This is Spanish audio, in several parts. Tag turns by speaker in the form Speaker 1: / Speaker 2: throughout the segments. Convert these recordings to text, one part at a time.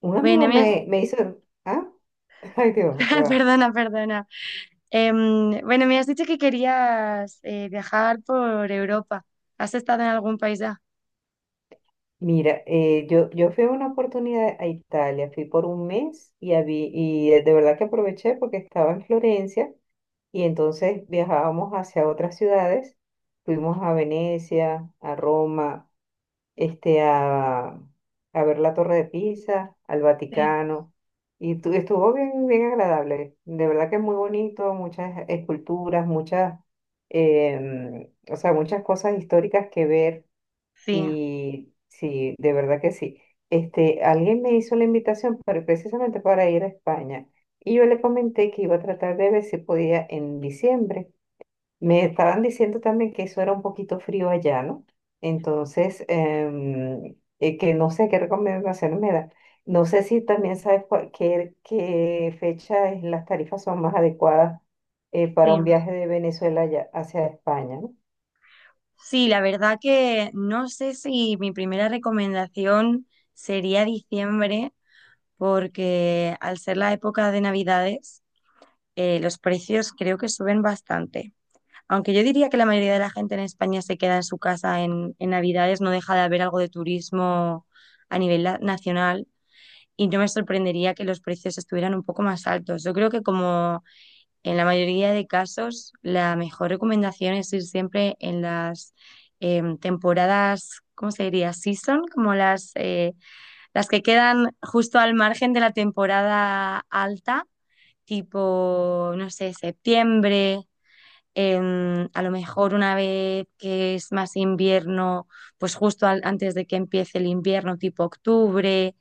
Speaker 1: Un amigo
Speaker 2: Bueno, me has...
Speaker 1: me hizo, ah, ay Dios, ya va.
Speaker 2: Perdona. Bueno, me has dicho que querías viajar por Europa. ¿Has estado en algún país ya?
Speaker 1: Mira, yo fui en una oportunidad a Italia, fui por un mes y de verdad que aproveché porque estaba en Florencia, y entonces viajábamos hacia otras ciudades, fuimos a Venecia, a Roma, este, a, a ver la Torre de Pisa, al
Speaker 2: Sí,
Speaker 1: Vaticano, estuvo bien, bien agradable. De verdad que es muy bonito, muchas esculturas, o sea, muchas cosas históricas que ver,
Speaker 2: sí,
Speaker 1: y sí, de verdad que sí. Alguien me hizo la invitación precisamente para ir a España, y yo le comenté que iba a tratar de ver si podía en diciembre. Me estaban diciendo también que eso era un poquito frío allá, ¿no? Entonces, que no sé qué recomendaciones me da. No sé si también sabes qué fecha las tarifas son más adecuadas
Speaker 2: sí.
Speaker 1: para un viaje de Venezuela allá hacia España, ¿no?
Speaker 2: Sí, la verdad que no sé si mi primera recomendación sería diciembre, porque al ser la época de Navidades, los precios creo que suben bastante. Aunque yo diría que la mayoría de la gente en España se queda en su casa en Navidades, no deja de haber algo de turismo a nacional y no me sorprendería que los precios estuvieran un poco más altos. Yo creo que como en la mayoría de casos, la mejor recomendación es ir siempre en las temporadas, ¿cómo se diría? Season, como las que quedan justo al margen de la temporada alta, tipo, no sé, septiembre, a lo mejor una vez que es más invierno, pues antes de que empiece el invierno, tipo octubre,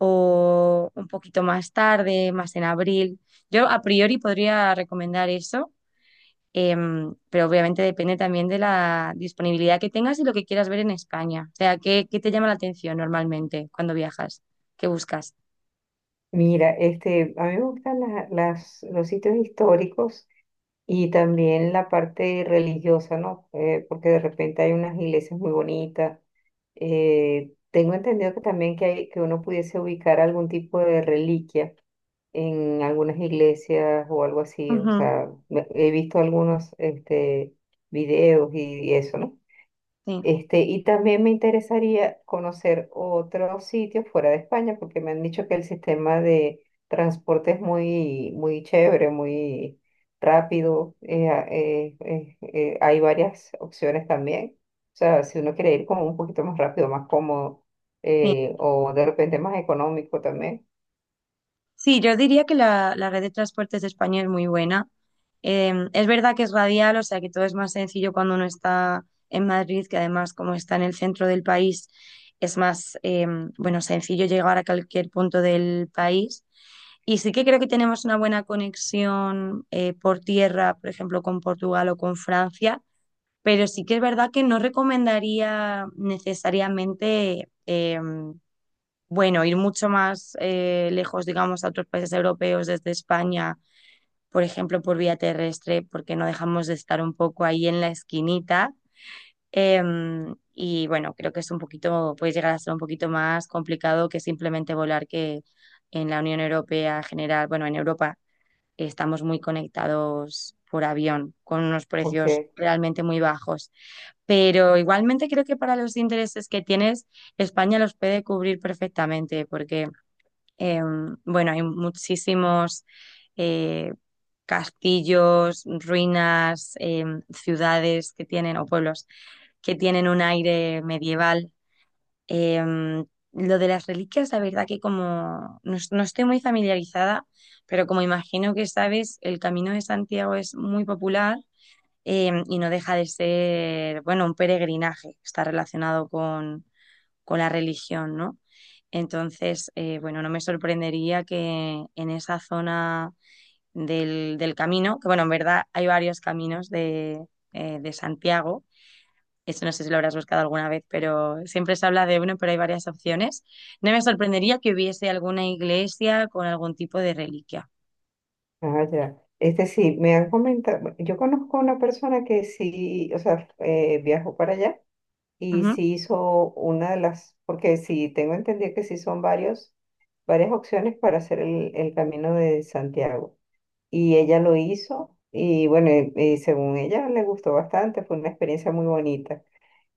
Speaker 2: o un poquito más tarde, más en abril. Yo a priori podría recomendar eso, pero obviamente depende también de la disponibilidad que tengas y lo que quieras ver en España. O sea, ¿qué te llama la atención normalmente cuando viajas? ¿Qué buscas?
Speaker 1: Mira, este, a mí me gustan los sitios históricos. Y también la parte religiosa, ¿no? Porque de repente hay unas iglesias muy bonitas. Tengo entendido que también que hay, que uno pudiese ubicar algún tipo de reliquia en algunas iglesias o algo así. O
Speaker 2: Ujú.
Speaker 1: sea, he visto algunos este, videos y eso, ¿no?
Speaker 2: Sí,
Speaker 1: Este, y también me interesaría conocer otros sitios fuera de España, porque me han dicho que el sistema de transporte es muy, muy chévere, muy rápido. Hay varias opciones también. O sea, si uno quiere ir como un poquito más rápido, más cómodo,
Speaker 2: sí.
Speaker 1: o de repente más económico también,
Speaker 2: Sí, yo diría que la red de transportes de España es muy buena. Es verdad que es radial, o sea que todo es más sencillo cuando uno está en Madrid, que además como está en el centro del país, es más, bueno, sencillo llegar a cualquier punto del país. Y sí que creo que tenemos una buena conexión por tierra, por ejemplo, con Portugal o con Francia, pero sí que es verdad que no recomendaría necesariamente, bueno, ir mucho más lejos, digamos, a otros países europeos desde España, por ejemplo, por vía terrestre, porque no dejamos de estar un poco ahí en la esquinita. Y bueno, creo que es un poquito, puede llegar a ser un poquito más complicado que simplemente volar, que en la Unión Europea en general, bueno, en Europa estamos muy conectados por avión, con unos precios
Speaker 1: porque,
Speaker 2: realmente muy bajos. Pero igualmente creo que para los intereses que tienes, España los puede cubrir perfectamente, porque bueno, hay muchísimos eh, castillos, ruinas, ciudades que tienen, o pueblos que tienen un aire medieval. Em, lo de las reliquias, la verdad que como no, no estoy muy familiarizada, pero como imagino que sabes, el Camino de Santiago es muy popular, y no deja de ser, bueno, un peregrinaje. Está relacionado con la religión, ¿no? Entonces, bueno, no me sorprendería que en esa zona del camino, que bueno, en verdad hay varios caminos de Santiago, eso no sé si lo habrás buscado alguna vez, pero siempre se habla de uno, pero hay varias opciones. No me sorprendería que hubiese alguna iglesia con algún tipo de reliquia.
Speaker 1: ah, ya. Este sí, me han comentado, yo conozco una persona que sí, o sea, viajó para allá. Y
Speaker 2: Ujú.
Speaker 1: si hizo una de las, porque sí, tengo entendido que sí son varios, varias opciones para hacer el camino de Santiago. Y ella lo hizo y bueno, y según ella le gustó bastante, fue una experiencia muy bonita.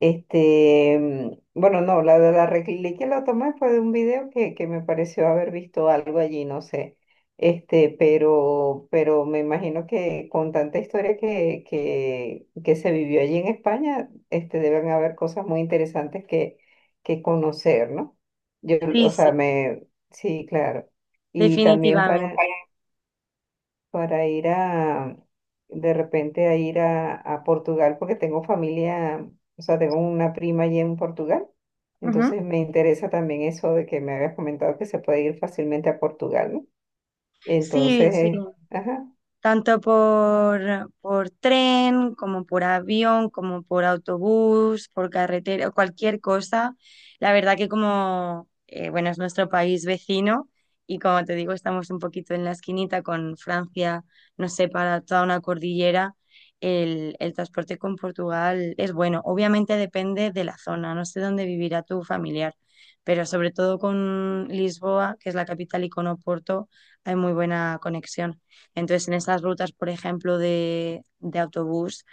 Speaker 1: Bueno, no, la de la reglí que la tomé fue de un video que me pareció haber visto algo allí, no sé. Este, pero me imagino que con tanta historia que se vivió allí en España, este, deben haber cosas muy interesantes que conocer, ¿no? Yo,
Speaker 2: Sí,
Speaker 1: o
Speaker 2: sí,
Speaker 1: sea, me, sí, claro. Y también
Speaker 2: definitivamente.
Speaker 1: para, para ir a, de repente a ir a Portugal, porque tengo familia, o sea, tengo una prima allí en Portugal.
Speaker 2: Ujú.
Speaker 1: Entonces me interesa también eso de que me habías comentado que se puede ir fácilmente a Portugal, ¿no?
Speaker 2: Sí,
Speaker 1: Entonces,
Speaker 2: sí.
Speaker 1: eh, ajá,
Speaker 2: Tanto por tren, como por avión, como por autobús, por carretera, cualquier cosa. La verdad que como, bueno, es nuestro país vecino y como te digo, estamos un poquito en la esquinita con Francia, nos separa toda una cordillera. El transporte con Portugal es bueno. Obviamente depende de la zona, no sé dónde vivirá tu familiar, pero sobre todo con Lisboa, que es la capital, y con Oporto, hay muy buena conexión. Entonces, en estas rutas, por ejemplo, de autobús,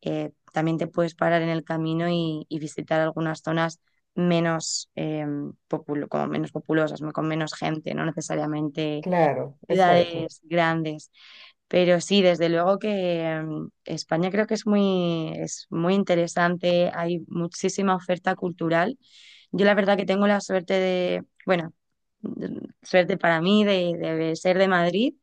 Speaker 2: también te puedes parar en el camino y visitar algunas zonas menos, como menos populosas, ¿no? Con menos gente, no necesariamente
Speaker 1: claro, exacto,
Speaker 2: ciudades grandes. Pero sí, desde luego que mm, España creo que es muy interesante, hay muchísima oferta cultural. Yo la verdad que tengo la suerte de, bueno, mm, suerte para mí de ser de Madrid,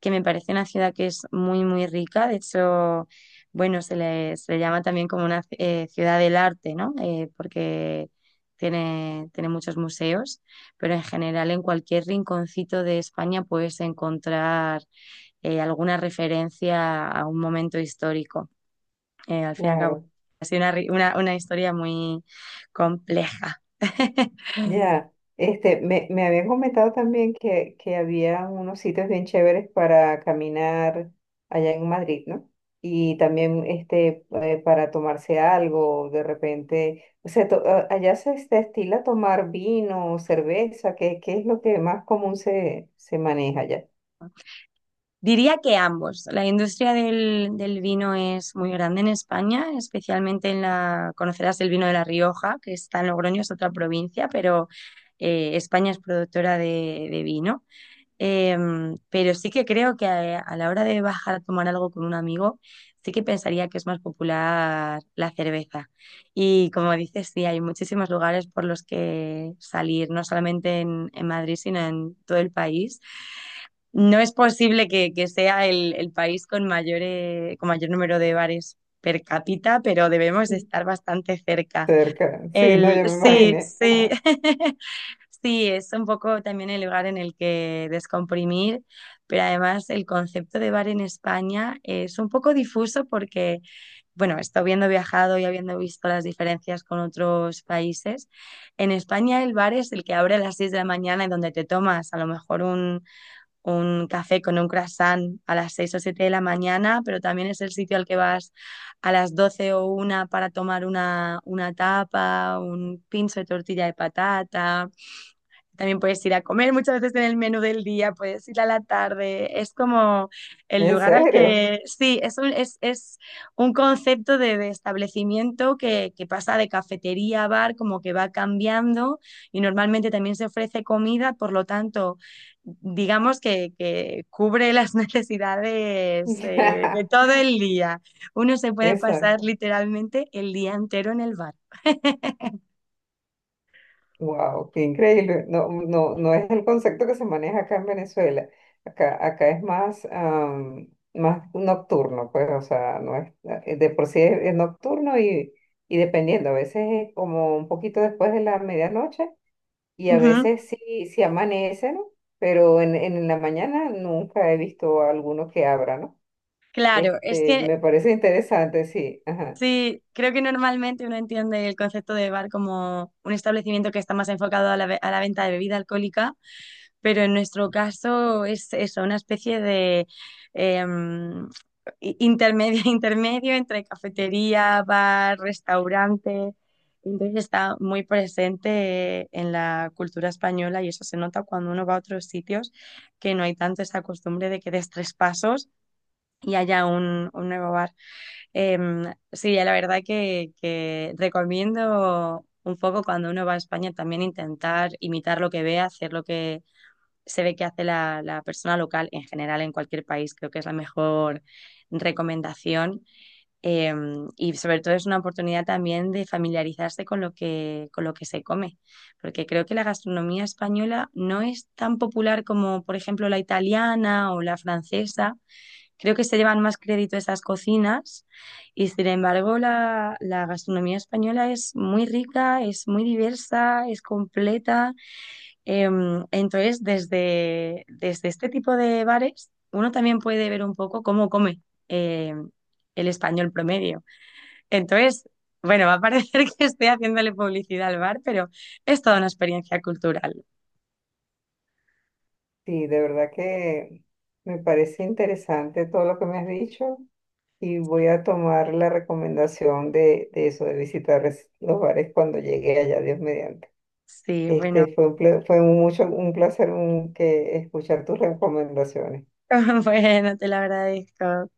Speaker 2: que me parece una ciudad que es muy, muy rica. De hecho, bueno, se le llama también como una ciudad del arte, ¿no? Porque tiene, tiene muchos museos, pero en general en cualquier rinconcito de España puedes encontrar alguna referencia a un momento histórico. Al fin y al cabo,
Speaker 1: claro.
Speaker 2: ha sido una, una historia muy compleja.
Speaker 1: Ya, este, me habían comentado también que había unos sitios bien chéveres para caminar allá en Madrid, ¿no? Y también este, para tomarse algo, de repente, o sea, allá se estila tomar vino, cerveza, qué es lo que más común se maneja allá?
Speaker 2: Diría que ambos. La industria del vino es muy grande en España, especialmente en la, conocerás el vino de La Rioja, que está en Logroño, es otra provincia, pero España es productora de vino. Pero sí que creo que a la hora de bajar a tomar algo con un amigo, sí que pensaría que es más popular la cerveza. Y como dices, sí, hay muchísimos lugares por los que salir, no solamente en Madrid, sino en todo el país. No es posible que sea el país con mayor número de bares per cápita, pero debemos de
Speaker 1: Mm.
Speaker 2: estar bastante cerca.
Speaker 1: Cerca, sí, no,
Speaker 2: El,
Speaker 1: yo me
Speaker 2: sí,
Speaker 1: imaginé.
Speaker 2: sí,
Speaker 1: Ajá.
Speaker 2: sí, es un poco también el lugar en el que descomprimir, pero además el concepto de bar en España es un poco difuso porque, bueno, esto habiendo viajado y habiendo visto las diferencias con otros países, en España el bar es el que abre a las 6 de la mañana y donde te tomas a lo mejor un café con un croissant a las 6 o 7 de la mañana, pero también es el sitio al que vas a las 12 o una para tomar una tapa, un pinzo de tortilla de patata, también puedes ir a comer muchas veces en el menú del día, puedes ir a la tarde. Es como el
Speaker 1: ¿En
Speaker 2: lugar al
Speaker 1: serio?
Speaker 2: que, sí, es un concepto de establecimiento que pasa de cafetería a bar, como que va cambiando y normalmente también se ofrece comida, por lo tanto, digamos que cubre las necesidades de todo el día. Uno se puede pasar
Speaker 1: Exacto.
Speaker 2: literalmente el día entero en el bar.
Speaker 1: Wow, qué increíble. No, no, no es el concepto que se maneja acá en Venezuela. Acá es más, más nocturno, pues, o sea, no es, de por sí es nocturno y dependiendo, a veces es como un poquito después de la medianoche y a
Speaker 2: Ujú.
Speaker 1: veces sí, sí amanece, ¿no? Pero en la mañana nunca he visto a alguno que abra, ¿no?
Speaker 2: Claro, es
Speaker 1: Este,
Speaker 2: que
Speaker 1: me parece interesante, sí, ajá.
Speaker 2: sí, creo que normalmente uno entiende el concepto de bar como un establecimiento que está más enfocado a la, a la venta de bebida alcohólica, pero en nuestro caso es eso, una especie de em, intermedio, intermedio entre cafetería, bar, restaurante. Entonces está muy presente en la cultura española y eso se nota cuando uno va a otros sitios que no hay tanto esa costumbre de que des tres pasos y haya un nuevo bar. Em, sí, la verdad que recomiendo un poco cuando uno va a España también intentar imitar lo que ve, hacer lo que se ve que hace la, la persona local en general en cualquier país. Creo que es la mejor recomendación. Y sobre todo es una oportunidad también de familiarizarse con lo que se come, porque creo que la gastronomía española no es tan popular como, por ejemplo, la italiana o la francesa. Creo que se llevan más crédito esas cocinas y sin embargo la, la gastronomía española es muy rica, es muy diversa, es completa. Entonces, desde, desde este tipo de bares, uno también puede ver un poco cómo come em, el español promedio. Entonces, bueno, va a parecer que estoy haciéndole publicidad al bar, pero es toda una experiencia cultural.
Speaker 1: Sí, de verdad que me parece interesante todo lo que me has dicho. Y voy a tomar la recomendación de eso, de visitar los bares cuando llegue allá, Dios mediante.
Speaker 2: Sí, bueno,
Speaker 1: Este, fue un placer que escuchar tus recomendaciones.
Speaker 2: bueno, te lo agradezco.